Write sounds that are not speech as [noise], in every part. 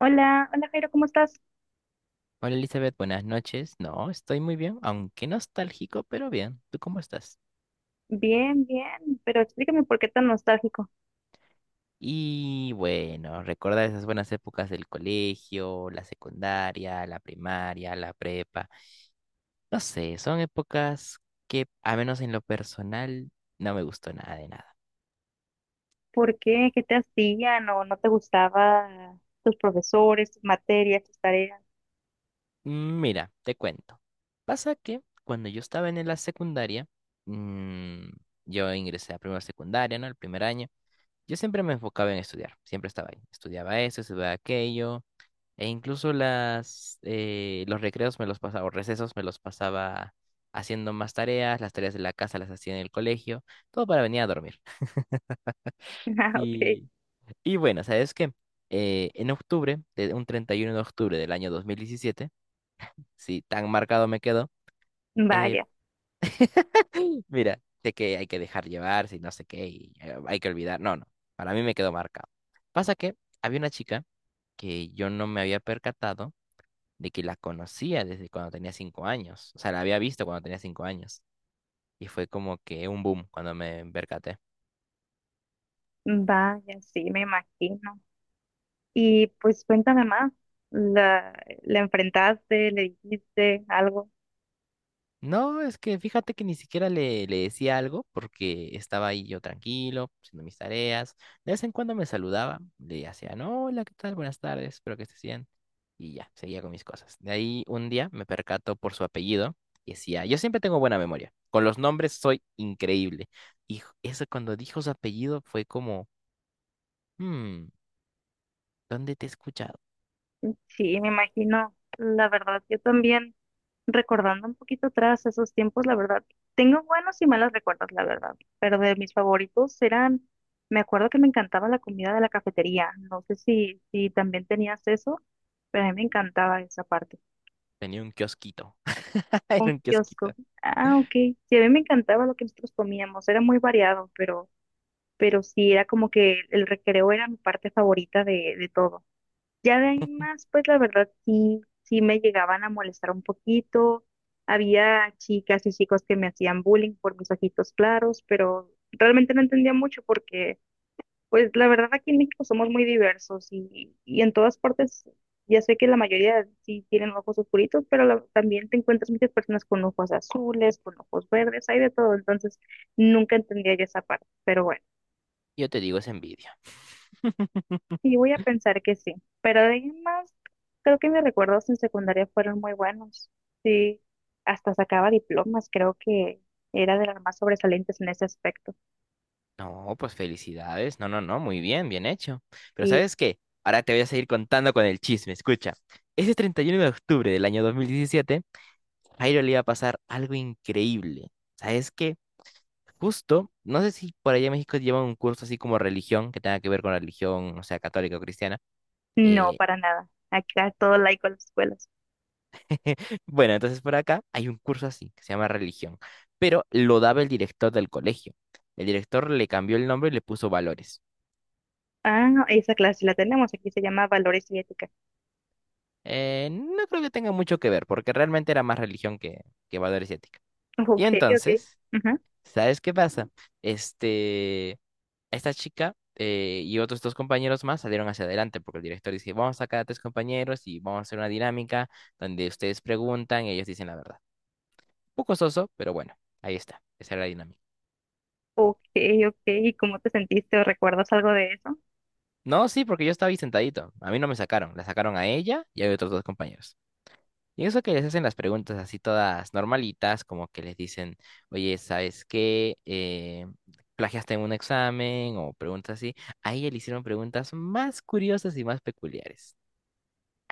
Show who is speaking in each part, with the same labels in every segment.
Speaker 1: Hola, hola Jairo, ¿cómo estás?
Speaker 2: Hola Elizabeth, buenas noches. No, estoy muy bien, aunque nostálgico, pero bien. ¿Tú cómo estás?
Speaker 1: Bien, bien, pero explícame por qué tan nostálgico.
Speaker 2: Y bueno, recordar esas buenas épocas del colegio, la secundaria, la primaria, la prepa. No sé, son épocas que, a menos en lo personal, no me gustó nada de nada.
Speaker 1: ¿Por qué? ¿Qué te hacían o no te gustaba tus profesores, tus materias, tus tareas?
Speaker 2: Mira, te cuento. Pasa que cuando yo estaba en la secundaria, mm, yo ingresé a primera secundaria, ¿no? El primer año. Yo siempre me enfocaba en estudiar, siempre estaba ahí. Estudiaba eso, estudiaba aquello, e incluso los recreos me los pasaba, o recesos me los pasaba haciendo más tareas, las tareas de la casa las hacía en el colegio, todo para venir a dormir. [laughs]
Speaker 1: [laughs] Ah, ok.
Speaker 2: Y, y bueno, ¿sabes qué? En octubre, de un 31 de octubre del año 2017 si tan marcado me quedó, eh,
Speaker 1: Vaya,
Speaker 2: [gasps] [laughs] mira, sé que hay que dejar llevar, si no sé qué, y, hay que olvidar. No, no, para mí me quedó marcado. Pasa que había una chica que yo no me había percatado de que la conocía desde cuando tenía 5 años. O sea, la había visto cuando tenía 5 años. Y fue como que un boom cuando me percaté.
Speaker 1: vaya, sí, me imagino. Y pues cuéntame más. ¿La, la enfrentaste? ¿Le dijiste algo?
Speaker 2: No, es que fíjate que ni siquiera le decía algo porque estaba ahí yo tranquilo, haciendo mis tareas. De vez en cuando me saludaba, le hacía, no, hola, ¿qué tal? Buenas tardes, espero que estés bien. Y ya, seguía con mis cosas. De ahí un día me percato por su apellido y decía, yo siempre tengo buena memoria. Con los nombres soy increíble. Y eso cuando dijo su apellido fue como, hmm, ¿dónde te he escuchado?
Speaker 1: Sí, me imagino. La verdad, yo también. Recordando un poquito atrás esos tiempos, la verdad, tengo buenos y malos recuerdos, la verdad, pero de mis favoritos eran, me acuerdo que me encantaba la comida de la cafetería, no sé si también tenías eso, pero a mí me encantaba esa parte,
Speaker 2: Tenía un kiosquito. [laughs]
Speaker 1: un
Speaker 2: Era un
Speaker 1: kiosco,
Speaker 2: kiosquito.
Speaker 1: ah, ok, sí, a mí me encantaba lo que nosotros comíamos, era muy variado, pero sí, era como que el recreo era mi parte favorita de todo. Ya de ahí en más, pues la verdad sí me llegaban a molestar un poquito. Había chicas y chicos que me hacían bullying por mis ojitos claros, pero realmente no entendía mucho porque, pues la verdad aquí en México somos muy diversos y en todas partes, ya sé que la mayoría sí tienen ojos oscuritos, pero también te encuentras muchas personas con ojos azules, con ojos verdes, hay de todo, entonces nunca entendía yo esa parte, pero bueno.
Speaker 2: Yo te digo, es envidia. [laughs]
Speaker 1: Sí, voy a pensar que sí, pero de ahí en más, creo que mis recuerdos en secundaria fueron muy buenos. Sí, hasta sacaba diplomas, creo que era de las más sobresalientes en ese aspecto.
Speaker 2: No, pues felicidades. No, no, no, muy bien, bien hecho. Pero
Speaker 1: Y
Speaker 2: ¿sabes qué? Ahora te voy a seguir contando con el chisme. Escucha, ese 31 de octubre del año 2017, Jairo le iba a pasar algo increíble. ¿Sabes qué? Justo, no sé si por allá en México llevan un curso así como religión, que tenga que ver con la religión, o sea, católica o cristiana.
Speaker 1: no,
Speaker 2: Eh,
Speaker 1: para nada. Acá todo laico a las escuelas.
Speaker 2: [laughs] Bueno, entonces por acá hay un curso así, que se llama religión, pero lo daba el director del colegio. El director le cambió el nombre y le puso valores.
Speaker 1: Ah, no, esa clase la tenemos, aquí se llama Valores y Ética.
Speaker 2: No creo que tenga mucho que ver, porque realmente era más religión que valores y ética.
Speaker 1: [laughs]
Speaker 2: Y
Speaker 1: Ok, ok.
Speaker 2: entonces,
Speaker 1: Ajá.
Speaker 2: ¿sabes qué pasa? Este, Esta chica y otros 2 compañeros más salieron hacia adelante, porque el director dice, vamos a sacar a 3 compañeros y vamos a hacer una dinámica donde ustedes preguntan y ellos dicen la verdad. Un poco soso, pero bueno, ahí está, esa era la dinámica.
Speaker 1: Ok, ok. ¿Y cómo te sentiste o recuerdas algo de eso?
Speaker 2: No, sí, porque yo estaba ahí sentadito. A mí no me sacaron. La sacaron a ella y a otros 2 compañeros. Y eso que les hacen las preguntas así todas normalitas, como que les dicen, oye, ¿sabes qué? ¿Plagiaste en un examen? O preguntas así. A ella le hicieron preguntas más curiosas y más peculiares.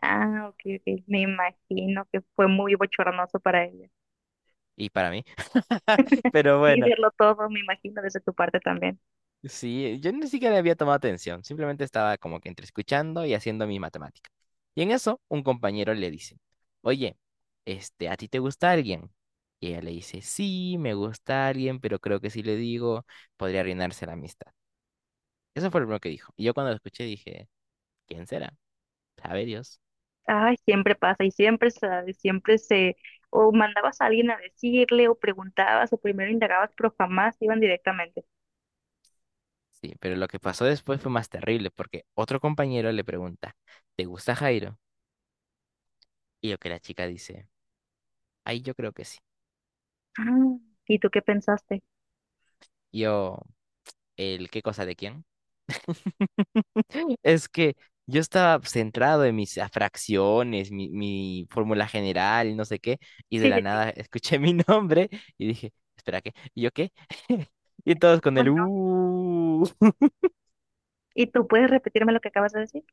Speaker 1: Ah, ok, ok. Me imagino que fue muy bochornoso para ella.
Speaker 2: Y para mí. [laughs] Pero
Speaker 1: Sí,
Speaker 2: bueno,
Speaker 1: verlo todo, me imagino, desde tu parte también.
Speaker 2: sí, yo ni siquiera había tomado atención, simplemente estaba como que entre escuchando y haciendo mi matemática. Y en eso, un compañero le dice, oye, ¿a ti te gusta alguien? Y ella le dice, sí, me gusta alguien, pero creo que si le digo, podría arruinarse la amistad. Eso fue lo primero que dijo. Y yo cuando lo escuché dije, ¿quién será? Sabe Dios.
Speaker 1: Ay, siempre pasa y siempre se, o mandabas a alguien a decirle, o preguntabas, o primero indagabas, pero jamás iban directamente.
Speaker 2: Sí, pero lo que pasó después fue más terrible, porque otro compañero le pregunta, ¿te gusta Jairo? Y lo que la chica dice, ay, yo creo que sí.
Speaker 1: Ah, ¿y tú qué pensaste?
Speaker 2: Y yo, ¿el qué cosa de quién? Es que yo estaba pues, centrado en mis fracciones, mi fórmula general, no sé qué, y de
Speaker 1: Sí,
Speaker 2: la
Speaker 1: sí, sí,
Speaker 2: nada [laughs] escuché mi nombre y dije, espera, ¿qué? ¿Y yo qué? Y todos con
Speaker 1: ¿cómo
Speaker 2: el
Speaker 1: no?
Speaker 2: [laughs]
Speaker 1: ¿Y tú puedes repetirme lo que acabas de decir?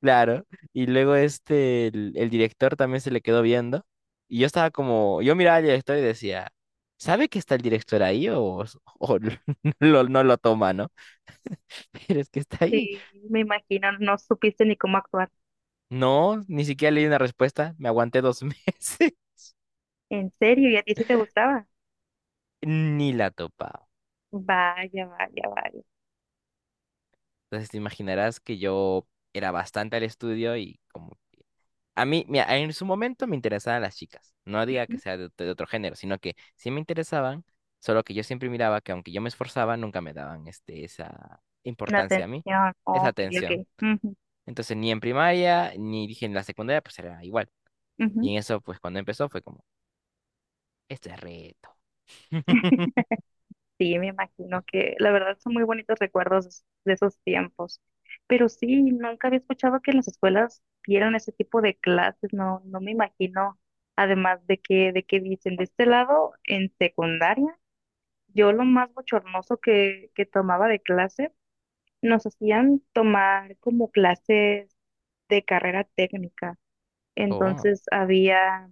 Speaker 2: claro. Y luego el director también se le quedó viendo. Y yo estaba como, yo miraba al director y decía, ¿sabe que está el director ahí o [laughs] no lo toma, ¿no? [laughs] Pero es que está ahí.
Speaker 1: Sí, me imagino, no supiste ni cómo actuar.
Speaker 2: No, ni siquiera leí una respuesta, me aguanté 2 meses,
Speaker 1: ¿En serio? ¿Y a ti sí te gustaba?
Speaker 2: [laughs] ni la topaba.
Speaker 1: Vaya, vaya, vaya.
Speaker 2: Entonces te imaginarás que yo era bastante al estudio y como... A mí, mira, en su momento me interesaban las chicas. No diga que
Speaker 1: Ujú.
Speaker 2: sea de otro género, sino que sí me interesaban, solo que yo siempre miraba que aunque yo me esforzaba, nunca me daban esa
Speaker 1: La
Speaker 2: importancia a mí,
Speaker 1: atención.
Speaker 2: esa
Speaker 1: Ok,
Speaker 2: atención.
Speaker 1: ok. Ujú,
Speaker 2: Entonces ni en primaria, ni dije en la secundaria, pues era igual. Y
Speaker 1: ujú.
Speaker 2: en eso, pues cuando empezó fue como, este es reto. [laughs]
Speaker 1: Sí, me imagino que la verdad son muy bonitos recuerdos es- de esos tiempos. Pero sí, nunca había escuchado que en las escuelas dieran ese tipo de clases, no, no me imagino. Además de que dicen, de este lado, en secundaria, yo lo más bochornoso que tomaba de clase, nos hacían tomar como clases de carrera técnica.
Speaker 2: Oh,
Speaker 1: Entonces había,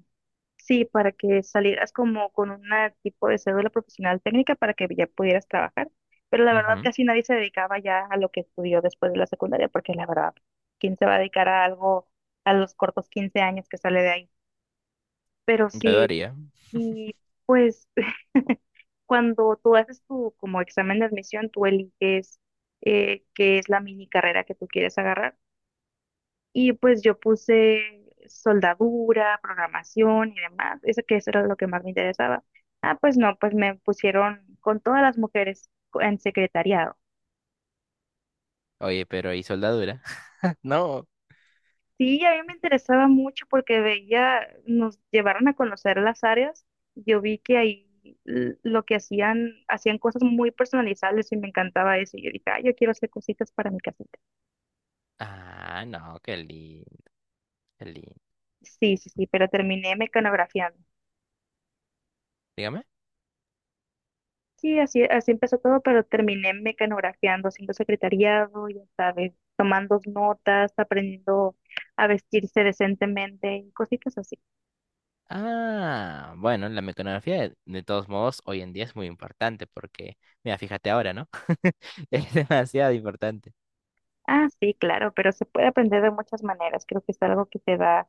Speaker 1: sí, para que salieras como con un tipo de cédula profesional técnica para que ya pudieras trabajar. Pero la verdad
Speaker 2: ujú,
Speaker 1: casi nadie se dedicaba ya a lo que estudió después de la secundaria, porque la verdad, ¿quién se va a dedicar a algo a los cortos 15 años que sale de ahí? Pero
Speaker 2: yo lo
Speaker 1: sí,
Speaker 2: haría.
Speaker 1: y pues [laughs] cuando tú haces tu como examen de admisión, tú eliges qué es la mini carrera que tú quieres agarrar. Y pues yo puse soldadura, programación y demás, eso que eso era lo que más me interesaba. Ah, pues no, pues me pusieron con todas las mujeres en secretariado.
Speaker 2: Oye, pero ¿y soldadura? [laughs] No.
Speaker 1: Sí, a mí me interesaba mucho porque veía, nos llevaron a conocer las áreas. Yo vi que ahí lo que hacían, hacían cosas muy personalizables y me encantaba eso. Y yo dije, ah, yo quiero hacer cositas para mi casita.
Speaker 2: Ah, no, qué lindo, qué lindo.
Speaker 1: Sí, sí, sí, pero terminé mecanografiando.
Speaker 2: Dígame.
Speaker 1: Sí, así, así empezó todo, pero terminé mecanografiando, haciendo secretariado, ya sabes, tomando notas, aprendiendo a vestirse decentemente y cositas así.
Speaker 2: Ah, bueno, la mecanografía de todos modos hoy en día es muy importante porque, mira, fíjate ahora, ¿no? [laughs] Es demasiado importante.
Speaker 1: Ah, sí, claro, pero se puede aprender de muchas maneras. Creo que es algo que te da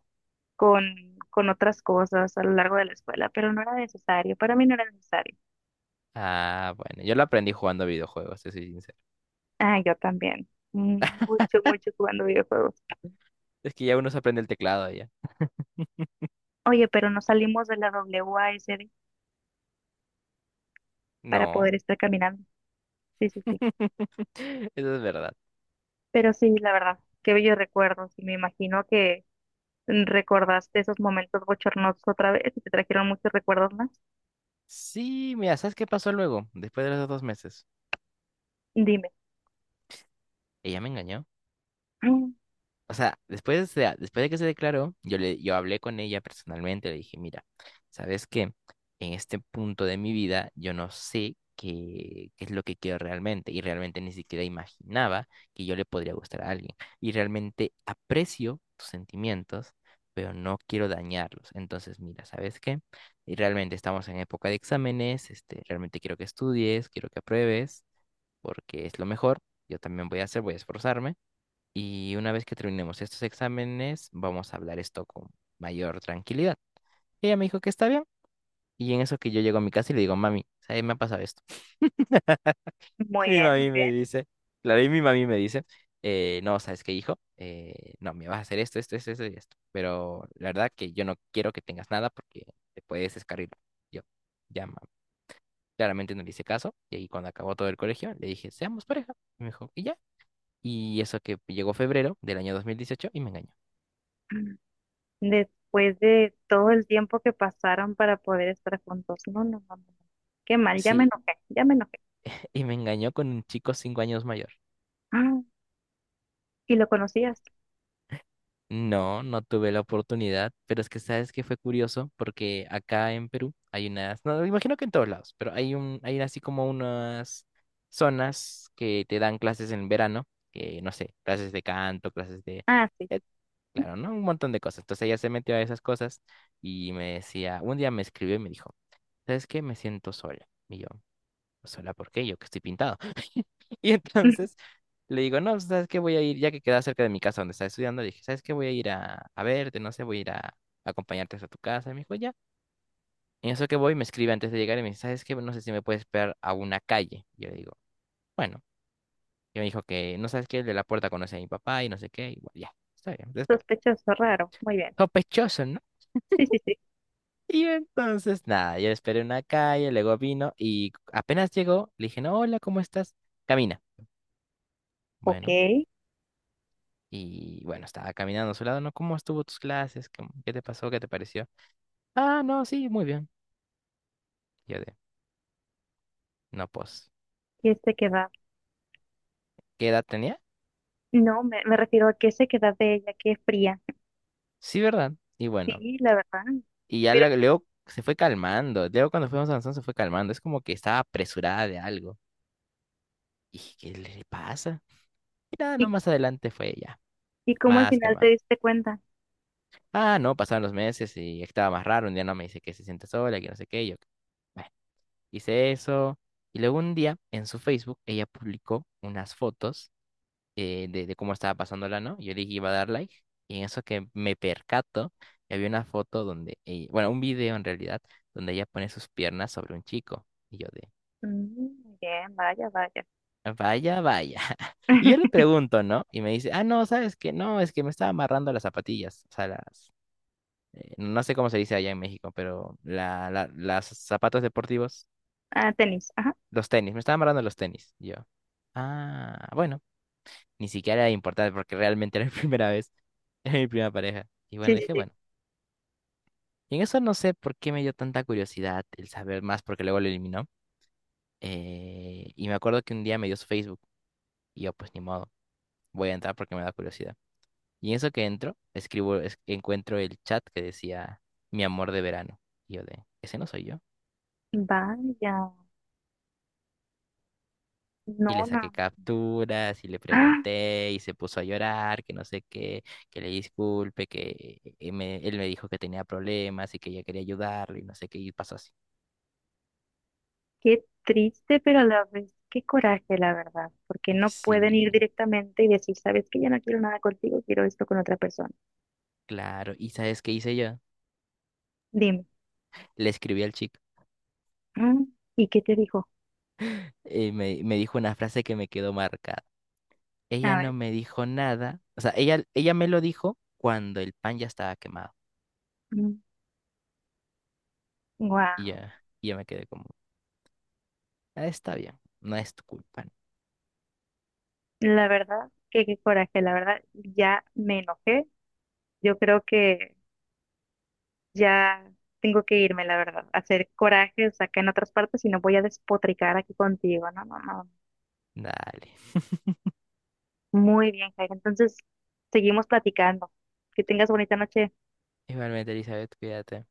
Speaker 1: con, con otras cosas a lo largo de la escuela, pero no era necesario. Para mí no era necesario.
Speaker 2: Ah, bueno, yo lo aprendí jugando videojuegos, te soy sincero.
Speaker 1: Ah, yo también. Mm, mucho, mucho jugando videojuegos.
Speaker 2: Es que ya uno se aprende el teclado ya.
Speaker 1: Oye, pero no salimos de la WASD para poder
Speaker 2: No,
Speaker 1: estar caminando. Sí, sí, sí.
Speaker 2: [laughs] eso es verdad.
Speaker 1: Pero sí, la verdad, qué bellos recuerdos. Y me imagino que recordaste esos momentos bochornosos otra vez y te trajeron muchos recuerdos más.
Speaker 2: Sí, mira, ¿sabes qué pasó luego, después de los 2 meses?
Speaker 1: Dime.
Speaker 2: Ella me engañó.
Speaker 1: Mm,
Speaker 2: O sea, después de que se declaró, yo hablé con ella personalmente, le dije, mira, ¿sabes qué? En este punto de mi vida, yo no sé qué, qué es lo que quiero realmente, y realmente ni siquiera imaginaba que yo le podría gustar a alguien. Y realmente aprecio tus sentimientos, pero no quiero dañarlos. Entonces, mira, ¿sabes qué? Y realmente estamos en época de exámenes, realmente quiero que estudies, quiero que apruebes, porque es lo mejor. Yo también voy a hacer, voy a esforzarme y una vez que terminemos estos exámenes, vamos a hablar esto con mayor tranquilidad. Y ella me dijo que está bien. Y en eso que yo llego a mi casa y le digo, mami, ¿sabes? Me ha pasado esto. [laughs] Y
Speaker 1: muy
Speaker 2: mi
Speaker 1: bien, muy
Speaker 2: mami me
Speaker 1: bien.
Speaker 2: dice, claro, y mi mami me dice, no, ¿sabes qué, hijo? No, me vas a hacer esto, esto, esto, esto y esto. Pero la verdad que yo no quiero que tengas nada porque te puedes descarrilar. Yo, ya, mami. Claramente no le hice caso. Y ahí cuando acabó todo el colegio, le dije, seamos pareja. Y me dijo, y ya. Y eso que llegó febrero del año 2018 y me engañó.
Speaker 1: Mm. Después de todo el tiempo que pasaron para poder estar juntos. No, no, no, no. No. Qué mal, ya me
Speaker 2: Sí,
Speaker 1: enojé, ya me enojé.
Speaker 2: y me engañó con un chico 5 años mayor.
Speaker 1: Ah, ¿y lo conocías?
Speaker 2: No, no tuve la oportunidad, pero es que sabes que fue curioso porque acá en Perú hay unas, no, me imagino que en todos lados, pero hay así como unas zonas que te dan clases en verano, que no sé, clases de canto, clases de,
Speaker 1: Ah, sí,
Speaker 2: eh,
Speaker 1: sí.
Speaker 2: claro, ¿no? Un montón de cosas. Entonces ella se metió a esas cosas y me decía, un día me escribió y me dijo, ¿sabes qué? Me siento sola. Y yo sola, ¿por qué? Yo que estoy pintado. [laughs] Y entonces
Speaker 1: [laughs]
Speaker 2: le digo, no, ¿sabes qué? Voy a ir, ya que queda cerca de mi casa donde estaba estudiando, le dije, ¿sabes qué? Voy a ir a verte, no sé, voy a ir a, acompañarte hasta tu casa. Y me dijo, ya. En eso que voy, me escribe antes de llegar y me dice, ¿sabes qué? No sé si me puedes esperar a una calle. Y yo le digo, bueno. Y me dijo que, no sabes qué, el de la puerta conoce a mi papá y no sé qué. Y bueno, ya, está bien, te espero.
Speaker 1: Sospechoso, raro. Muy bien.
Speaker 2: Sospechoso, ¿no?
Speaker 1: Sí, sí, sí.
Speaker 2: Y entonces, nada, yo esperé en una calle, luego vino y apenas llegó, le dije, no, hola, ¿cómo estás? Camina.
Speaker 1: Ok.
Speaker 2: Bueno,
Speaker 1: ¿Qué
Speaker 2: y bueno, estaba caminando a su lado, ¿no? ¿Cómo estuvo tus clases? ¿Qué te pasó? ¿Qué te pareció? Ah, no, sí, muy bien. Yo de, no, pues,
Speaker 1: sequedad?
Speaker 2: ¿qué edad tenía?
Speaker 1: No, me refiero a qué sequedad de ella, qué fría.
Speaker 2: Sí, ¿verdad? Y bueno,
Speaker 1: Sí, la verdad.
Speaker 2: y ya
Speaker 1: Pero,
Speaker 2: luego se fue calmando. Luego cuando fuimos avanzando se fue calmando. Es como que estaba apresurada de algo. Y dije, ¿qué le pasa? Y nada, no,
Speaker 1: ¿y
Speaker 2: más adelante fue ya,
Speaker 1: ¿Y cómo al
Speaker 2: más
Speaker 1: final te
Speaker 2: calmada.
Speaker 1: diste cuenta?
Speaker 2: Ah, no, pasaron los meses y estaba más raro. Un día no me dice que se siente sola, que no sé qué. Y yo, bueno, hice eso. Y luego un día en su Facebook ella publicó unas fotos de cómo estaba pasándola, ¿no? Yo le dije iba a dar like y en eso que me percato, que había una foto donde, bueno, un video en realidad, donde ella pone sus piernas sobre un chico. Y yo de,
Speaker 1: Mm, bien, vaya, vaya.
Speaker 2: vaya, vaya. [laughs] Y yo le
Speaker 1: [laughs]
Speaker 2: pregunto, ¿no? Y me dice, ah, no, ¿sabes qué? No, es que me estaba amarrando las zapatillas, o sea, no sé cómo se dice allá en México, pero las zapatos deportivos,
Speaker 1: Ah, tenis, ajá.
Speaker 2: los tenis, me estaba amarrando los tenis. Y yo, ah, bueno. Ni siquiera era importante porque realmente era mi [laughs] primera vez. Era mi primera pareja. Y bueno,
Speaker 1: Sí, sí,
Speaker 2: dije,
Speaker 1: sí.
Speaker 2: bueno. Y en eso no sé por qué me dio tanta curiosidad el saber más porque luego lo eliminó. Y me acuerdo que un día me dio su Facebook. Y yo, pues ni modo, voy a entrar porque me da curiosidad. Y en eso que entro, escribo, encuentro el chat que decía mi amor de verano. Y yo de, ese no soy yo.
Speaker 1: Vaya,
Speaker 2: Y
Speaker 1: no,
Speaker 2: le saqué
Speaker 1: no.
Speaker 2: capturas y le
Speaker 1: Ah,
Speaker 2: pregunté y se puso a llorar, que no sé qué, que le disculpe, que él me dijo que tenía problemas y que ella quería ayudarlo y no sé qué, y pasó así.
Speaker 1: qué triste, pero a la vez, qué coraje, la verdad, porque no pueden
Speaker 2: Sí,
Speaker 1: ir directamente y decir, sabes que ya no quiero nada contigo, quiero esto con otra persona.
Speaker 2: claro. ¿Y sabes qué hice yo?
Speaker 1: Dime.
Speaker 2: Le escribí al chico.
Speaker 1: Mm, ¿y qué te dijo?
Speaker 2: Me dijo una frase que me quedó marcada. Ella
Speaker 1: A
Speaker 2: no
Speaker 1: ver,
Speaker 2: me dijo nada. O sea, ella me lo dijo cuando el pan ya estaba quemado. Y
Speaker 1: wow.
Speaker 2: ya, y ya me quedé como, "Ah, está bien, no es tu culpa, ¿no?"
Speaker 1: La verdad, que qué coraje, la verdad, ya me enojé. Yo creo que ya tengo que irme, la verdad, a hacer corajes acá en otras partes y no voy a despotricar aquí contigo. No, no, no.
Speaker 2: Dale.
Speaker 1: Muy bien, Jair. Entonces, seguimos platicando. Que tengas bonita noche.
Speaker 2: Igualmente, Elizabeth, cuídate.